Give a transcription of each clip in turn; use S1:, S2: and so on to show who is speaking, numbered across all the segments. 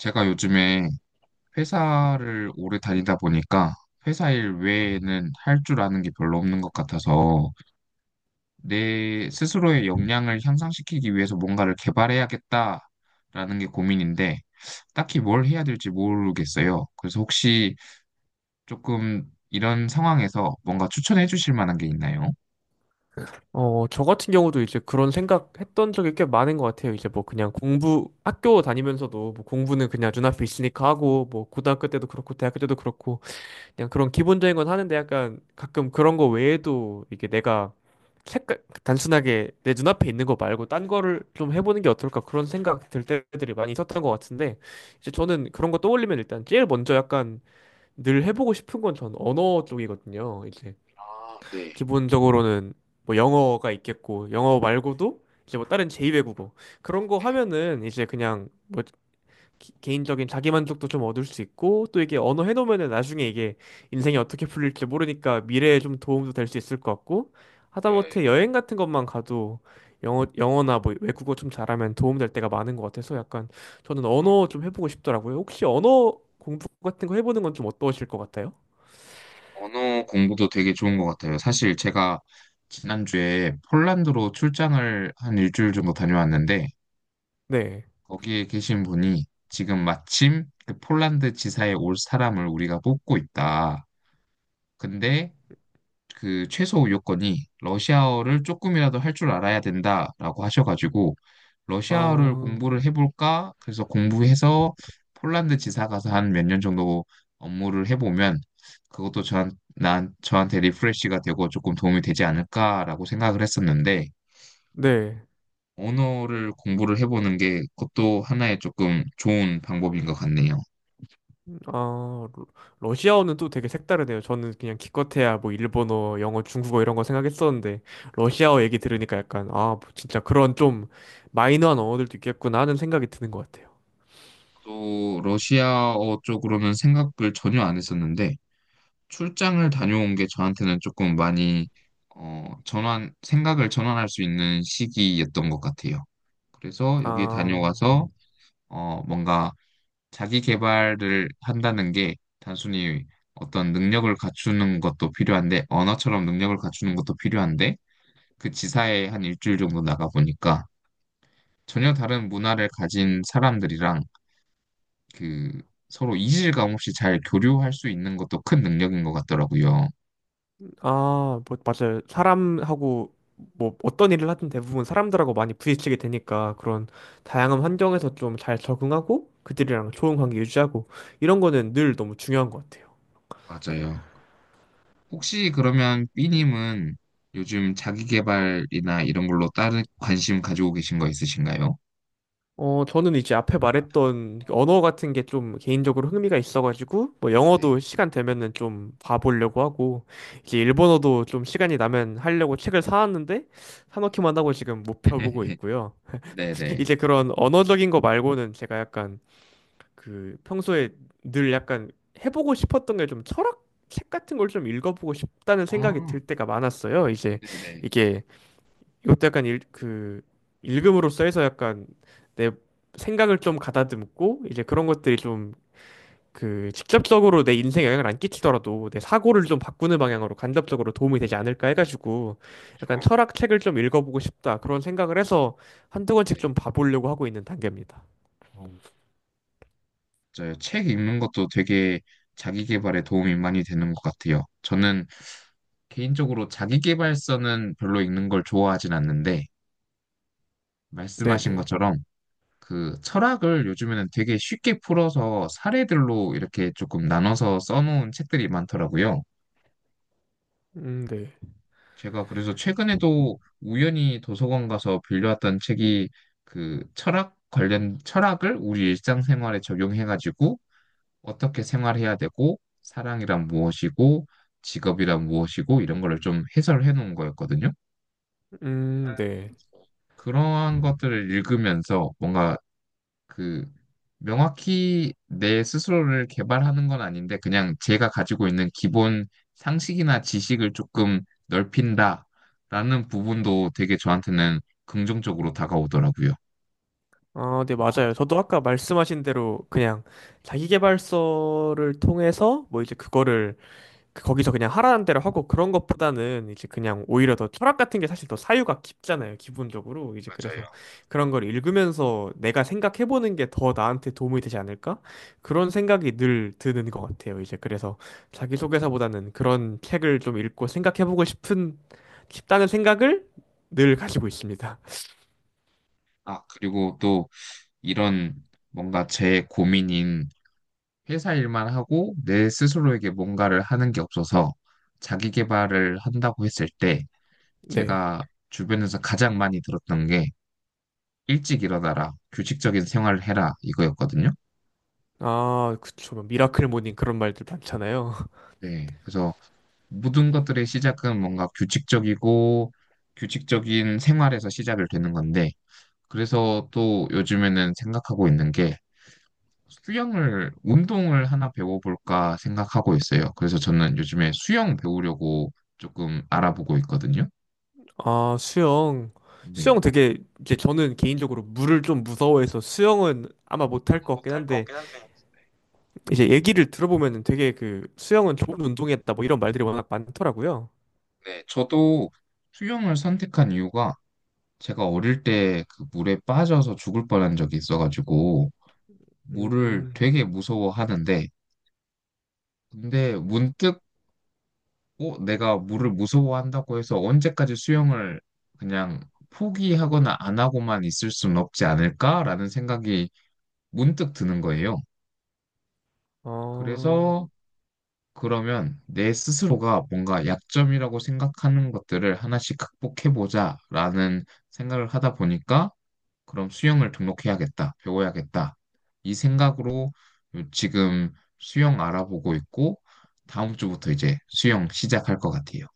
S1: 제가 요즘에 회사를 오래 다니다 보니까 회사 일 외에는 할 줄 아는 게 별로 없는 것 같아서 내 스스로의 역량을 향상시키기 위해서 뭔가를 개발해야겠다라는 게 고민인데 딱히 뭘 해야 될지 모르겠어요. 그래서 혹시 조금 이런 상황에서 뭔가 추천해 주실 만한 게 있나요?
S2: 저 같은 경우도 이제 그런 생각했던 적이 꽤 많은 것 같아요. 이제 뭐 그냥 학교 다니면서도 뭐 공부는 그냥 눈앞에 있으니까 하고, 뭐 고등학교 때도 그렇고, 대학교 때도 그렇고, 그냥 그런 기본적인 건 하는데 약간 가끔 그런 거 외에도 이게 내가 색깔, 단순하게 내 눈앞에 있는 거 말고 딴 거를 좀 해보는 게 어떨까 그런 생각 들 때들이 많이 있었던 것 같은데, 이제 저는 그런 거 떠올리면 일단 제일 먼저 약간 늘 해보고 싶은 건 전 언어 쪽이거든요. 이제
S1: 아, 네.
S2: 기본적으로는 뭐 영어가 있겠고 영어 말고도 이제 뭐 다른 제2외국어 그런 거 하면은 이제 그냥 뭐 개인적인 자기만족도 좀 얻을 수 있고 또 이게 언어 해놓으면은 나중에 이게 인생이 어떻게 풀릴지 모르니까 미래에 좀 도움도 될 수 있을 것 같고
S1: 예,
S2: 하다못해 여행 같은 것만 가도 영어나 뭐 외국어 좀 잘하면 도움 될 때가 많은 것 같아서 약간 저는 언어 좀 해보고 싶더라고요. 혹시 언어 공부 같은 거 해보는 건 좀 어떠실 것 같아요?
S1: 언어 공부도 되게 좋은 것 같아요. 사실 제가 지난주에 폴란드로 출장을 한 일주일 정도 다녀왔는데
S2: 네.
S1: 거기에 계신 분이 지금 마침 그 폴란드 지사에 올 사람을 우리가 뽑고 있다. 근데 그 최소 요건이 러시아어를 조금이라도 할 줄 알아야 된다라고 하셔가지고 러시아어를
S2: 아,
S1: 공부를 해볼까? 그래서 공부해서 폴란드 지사 가서 한 몇 년 정도 업무를 해보면 그것도 저한테 리프레시가 되고 조금 도움이 되지 않을까라고 생각을 했었는데
S2: 네.
S1: 언어를 공부를 해보는 게 그것도 하나의 조금 좋은 방법인 것 같네요.
S2: 아, 러시아어는 또 되게 색다르네요. 저는 그냥 기껏해야 뭐 일본어, 영어, 중국어 이런 거 생각했었는데 러시아어 얘기 들으니까 약간 아, 뭐 진짜 그런 좀 마이너한 언어들도 있겠구나 하는 생각이 드는 것 같아요.
S1: 또 러시아어 쪽으로는 생각을 전혀 안 했었는데 출장을 다녀온 게 저한테는 조금 많이 어, 전환 생각을 전환할 수 있는 시기였던 것 같아요. 그래서 여기
S2: 아,
S1: 다녀와서 뭔가 자기 개발을 한다는 게 단순히 어떤 능력을 갖추는 것도 필요한데 언어처럼 능력을 갖추는 것도 필요한데 그 지사에 한 일주일 정도 나가 보니까 전혀 다른 문화를 가진 사람들이랑 그 서로 이질감 없이 잘 교류할 수 있는 것도 큰 능력인 것 같더라고요.
S2: 아, 뭐 맞아요. 사람하고 뭐 어떤 일을 하든 대부분 사람들하고 많이 부딪히게 되니까 그런 다양한 환경에서 좀 잘 적응하고 그들이랑 좋은 관계 유지하고 이런 거는 늘 너무 중요한 것 같아요.
S1: 맞아요. 혹시 그러면 B님은 요즘 자기계발이나 이런 걸로 다른 관심 가지고 계신 거 있으신가요?
S2: 저는 이제 앞에 말했던 언어 같은 게 좀 개인적으로 흥미가 있어가지고, 뭐
S1: 네.
S2: 영어도 시간 되면은 좀 봐보려고 하고, 이제 일본어도 좀 시간이 나면 하려고 책을 사왔는데, 사놓기만 하고 지금 못 펴보고 있고요.
S1: 네네.
S2: 이제 그런 언어적인 거 말고는 제가 약간 그 평소에 늘 약간 해보고 싶었던 게 좀 철학? 책 같은 걸 좀 읽어보고 싶다는 생각이
S1: 아,
S2: 들 때가 많았어요. 이제
S1: 네네.
S2: 이게 이것도 약간 그 읽음으로써 해서 약간 내 생각을 좀 가다듬고 이제 그런 것들이 좀 그 직접적으로 내 인생에 영향을 안 끼치더라도 내 사고를 좀 바꾸는 방향으로 간접적으로 도움이 되지 않을까 해가지고 약간
S1: 좋아.
S2: 철학 책을 좀 읽어보고 싶다 그런 생각을 해서 한두 권씩 좀
S1: 네.
S2: 봐보려고 하고 있는 단계입니다.
S1: 어, 맞아요. 책 읽는 것도 되게 자기계발에 도움이 많이 되는 것 같아요. 저는 개인적으로 자기계발서는 별로 읽는 걸 좋아하진 않는데, 말씀하신
S2: 네네.
S1: 것처럼 그 철학을 요즘에는 되게 쉽게 풀어서 사례들로 이렇게 조금 나눠서 써놓은 책들이 많더라고요.
S2: 네.
S1: 제가 그래서 최근에도 우연히 도서관 가서 빌려왔던 책이 그 철학 관련 철학을 우리 일상생활에 적용해가지고 어떻게 생활해야 되고 사랑이란 무엇이고 직업이란 무엇이고 이런 거를 좀 해설해 놓은 거였거든요.
S2: 네.
S1: 그러한 것들을 읽으면서 뭔가 그 명확히 내 스스로를 개발하는 건 아닌데 그냥 제가 가지고 있는 기본 상식이나 지식을 조금 넓힌다라는 부분도 되게 저한테는 긍정적으로 다가오더라고요.
S2: 아, 네,
S1: 아,
S2: 맞아요. 저도 아까 말씀하신 대로 그냥 자기계발서를 통해서 뭐 이제 그거를 거기서 그냥 하라는 대로 하고 그런 것보다는 이제 그냥 오히려 더 철학 같은 게 사실 더 사유가 깊잖아요. 기본적으로. 이제 그래서
S1: 맞아요.
S2: 그런 걸 읽으면서 내가 생각해보는 게 더 나한테 도움이 되지 않을까? 그런 생각이 늘 드는 것 같아요. 이제 그래서 자기소개서보다는 그런 책을 좀 읽고 생각해보고 싶다는 생각을 늘 가지고 있습니다.
S1: 아, 그리고 또 이런 뭔가 제 고민인 회사 일만 하고 내 스스로에게 뭔가를 하는 게 없어서 자기 개발을 한다고 했을 때
S2: 네.
S1: 제가 주변에서 가장 많이 들었던 게 일찍 일어나라, 규칙적인 생활을 해라 이거였거든요.
S2: 아, 그쵸. 뭐 미라클 모닝 그런 말들 많잖아요.
S1: 네, 그래서 모든 것들의 시작은 뭔가 규칙적이고 규칙적인 생활에서 시작을 되는 건데, 그래서 또 요즘에는 생각하고 있는 게 수영을, 운동을 하나 배워볼까 생각하고 있어요. 그래서 저는 요즘에 수영 배우려고 조금 알아보고 있거든요.
S2: 아, 수영.
S1: 네.
S2: 수영 되게 이제 저는 개인적으로 물을 좀 무서워해서 수영은 아마 못할 것 같긴 한데 이제 얘기를 들어보면 되게 그 수영은 좋은 운동이었다 뭐 이런 말들이 워낙 많더라고요.
S1: 네, 저도 수영을 선택한 이유가 제가 어릴 때 그 물에 빠져서 죽을 뻔한 적이 있어가지고, 물을
S2: 음,
S1: 되게 무서워하는데, 근데 문득, 내가 물을 무서워한다고 해서 언제까지 수영을 그냥 포기하거나 안 하고만 있을 수는 없지 않을까라는 생각이 문득 드는 거예요.
S2: 어.
S1: 그래서 그러면 내 스스로가 뭔가 약점이라고 생각하는 것들을 하나씩 극복해보자라는 생각을 하다 보니까 그럼 수영을 등록해야겠다, 배워야겠다. 이 생각으로 지금 수영 알아보고 있고 다음 주부터 이제 수영 시작할 것 같아요.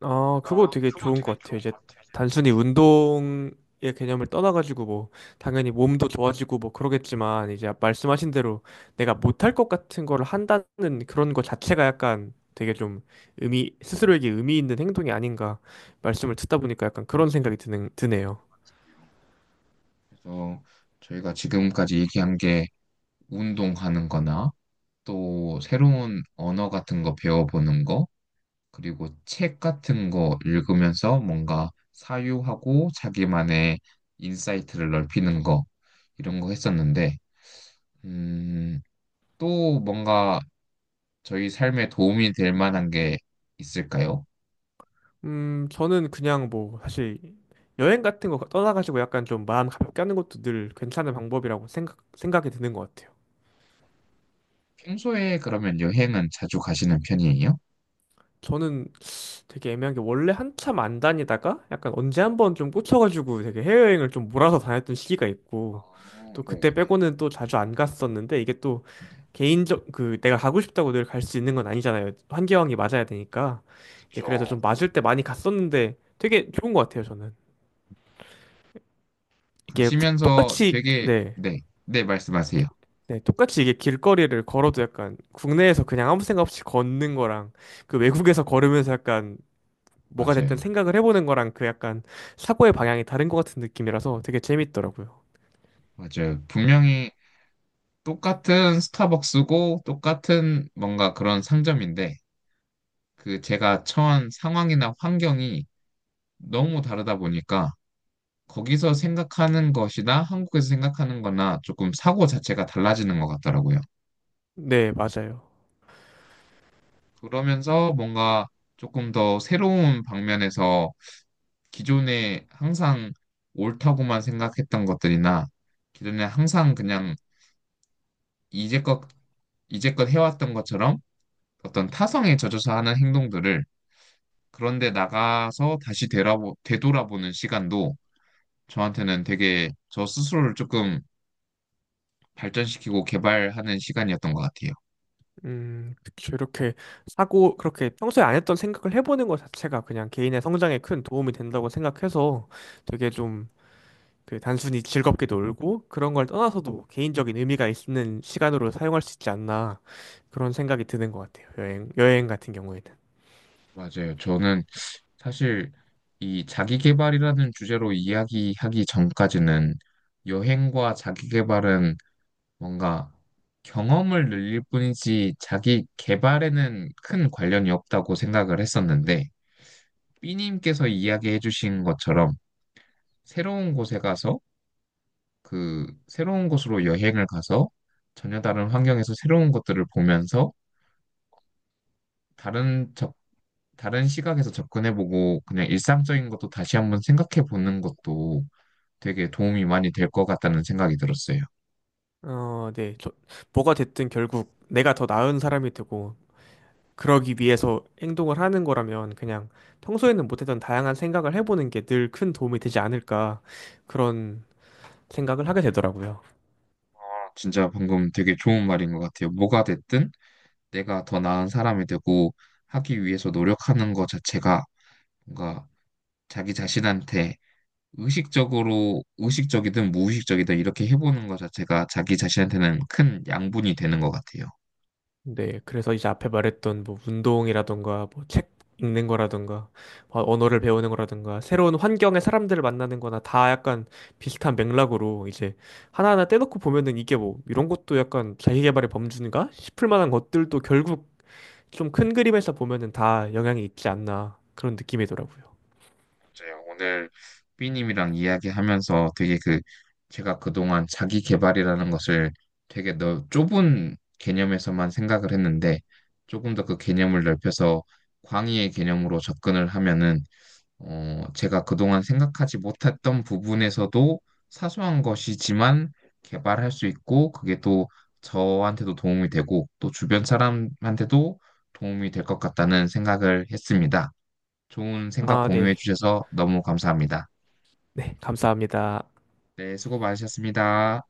S2: 아, 그거
S1: 아,
S2: 되게
S1: 그거
S2: 좋은
S1: 되게
S2: 것 같아요.
S1: 좋은 것
S2: 이제
S1: 같아요.
S2: 단순히 운동의 개념을 떠나가지고 뭐 당연히 몸도 좋아지고 뭐 그러겠지만 이제 말씀하신 대로 내가 못할 것 같은 걸 한다는 그런 것 자체가 약간 되게 좀 의미, 스스로에게 의미 있는 행동이 아닌가 말씀을 듣다 보니까 약간 그런 생각이 드네요.
S1: 진짜요. 그래서 저희가 지금까지 얘기한 게 운동하는 거나 또 새로운 언어 같은 거 배워보는 거 그리고 책 같은 거 읽으면서 뭔가 사유하고 자기만의 인사이트를 넓히는 거 이런 거 했었는데 음, 또 뭔가 저희 삶에 도움이 될 만한 게 있을까요?
S2: 저는 그냥 뭐 사실 여행 같은 거 떠나가지고 약간 좀 마음 가볍게 하는 것도 늘 괜찮은 방법이라고 생각이 드는 것 같아요.
S1: 평소에 그러면 여행은 자주 가시는 편이에요?
S2: 저는 되게 애매한 게 원래 한참 안 다니다가 약간 언제 한번 좀 꽂혀가지고 되게 해외여행을 좀 몰아서 다녔던 시기가 있고
S1: 아,
S2: 또
S1: 네,
S2: 그때
S1: 네.
S2: 빼고는 또 자주 안 갔었는데 이게 또 개인적 그 내가 가고 싶다고 늘 갈 수 있는 건 아니잖아요. 환경이 맞아야 되니까 이제 그래서
S1: 그렇죠.
S2: 좀 맞을 때 많이 갔었는데 되게 좋은 것 같아요 저는 이게
S1: 가시면서
S2: 똑같이
S1: 되게
S2: 네.
S1: 네, 네 말씀하세요.
S2: 네, 똑같이 이게 길거리를 걸어도 약간 국내에서 그냥 아무 생각 없이 걷는 거랑 그 외국에서 걸으면서 약간 뭐가 됐든
S1: 맞아요.
S2: 생각을 해보는 거랑 그 약간 사고의 방향이 다른 것 같은 느낌이라서 되게 재밌더라고요.
S1: 맞아요. 분명히 똑같은 스타벅스고 똑같은 뭔가 그런 상점인데 그 제가 처한 상황이나 환경이 너무 다르다 보니까 거기서 생각하는 것이나 한국에서 생각하는 거나 조금 사고 자체가 달라지는 것 같더라고요.
S2: 네, 맞아요.
S1: 그러면서 뭔가 조금 더 새로운 방면에서 기존에 항상 옳다고만 생각했던 것들이나 기존에 항상 그냥 이제껏, 이제껏 해왔던 것처럼 어떤 타성에 젖어서 하는 행동들을 그런데 나가서 다시 되돌아보는 시간도 저한테는 되게 저 스스로를 조금 발전시키고 개발하는 시간이었던 것 같아요.
S2: 그쵸. 이렇게 사고, 그렇게 평소에 안 했던 생각을 해보는 것 자체가 그냥 개인의 성장에 큰 도움이 된다고 생각해서 되게 좀 그 단순히 즐겁게 놀고 그런 걸 떠나서도 개인적인 의미가 있는 시간으로 사용할 수 있지 않나 그런 생각이 드는 것 같아요. 여행 같은 경우에는.
S1: 맞아요. 저는 사실 이 자기계발이라는 주제로 이야기하기 전까지는 여행과 자기계발은 뭔가 경험을 늘릴 뿐이지 자기계발에는 큰 관련이 없다고 생각을 했었는데, 삐님께서 이야기해 주신 것처럼 새로운 곳에 가서 그 새로운 곳으로 여행을 가서 전혀 다른 환경에서 새로운 것들을 보면서 다른 접, 다른 시각에서 접근해보고 그냥 일상적인 것도 다시 한번 생각해보는 것도 되게 도움이 많이 될 것 같다는 생각이 들었어요.
S2: 어, 네. 저, 뭐가 됐든 결국 내가 더 나은 사람이 되고 그러기 위해서 행동을 하는 거라면 그냥 평소에는 못했던 다양한 생각을 해보는 게 늘 큰 도움이 되지 않을까 그런 생각을 하게 되더라고요.
S1: 진짜 방금 되게 좋은 말인 것 같아요. 뭐가 됐든 내가 더 나은 사람이 되고 하기 위해서 노력하는 것 자체가 뭔가 자기 자신한테 의식적이든 무의식적이든 이렇게 해보는 것 자체가 자기 자신한테는 큰 양분이 되는 것 같아요.
S2: 네, 그래서 이제 앞에 말했던 뭐 운동이라던가 뭐 책 읽는 거라던가 뭐 언어를 배우는 거라던가 새로운 환경의 사람들을 만나는 거나 다 약간 비슷한 맥락으로 이제 하나하나 떼놓고 보면은 이게 뭐 이런 것도 약간 자기계발의 범주인가 싶을 만한 것들도 결국 좀 큰 그림에서 보면은 다 영향이 있지 않나 그런 느낌이더라고요.
S1: 맞아요. 오늘 삐님이랑 이야기하면서 되게 그, 제가 그동안 자기 개발이라는 것을 되게 좁은 개념에서만 생각을 했는데 조금 더 그 개념을 넓혀서 광의의 개념으로 접근을 하면은 제가 그동안 생각하지 못했던 부분에서도 사소한 것이지만 개발할 수 있고 그게 또 저한테도 도움이 되고 또 주변 사람한테도 도움이 될 것 같다는 생각을 했습니다. 좋은 생각
S2: 아,
S1: 공유해
S2: 네.
S1: 주셔서 너무 감사합니다.
S2: 네, 감사합니다.
S1: 네, 수고 많으셨습니다.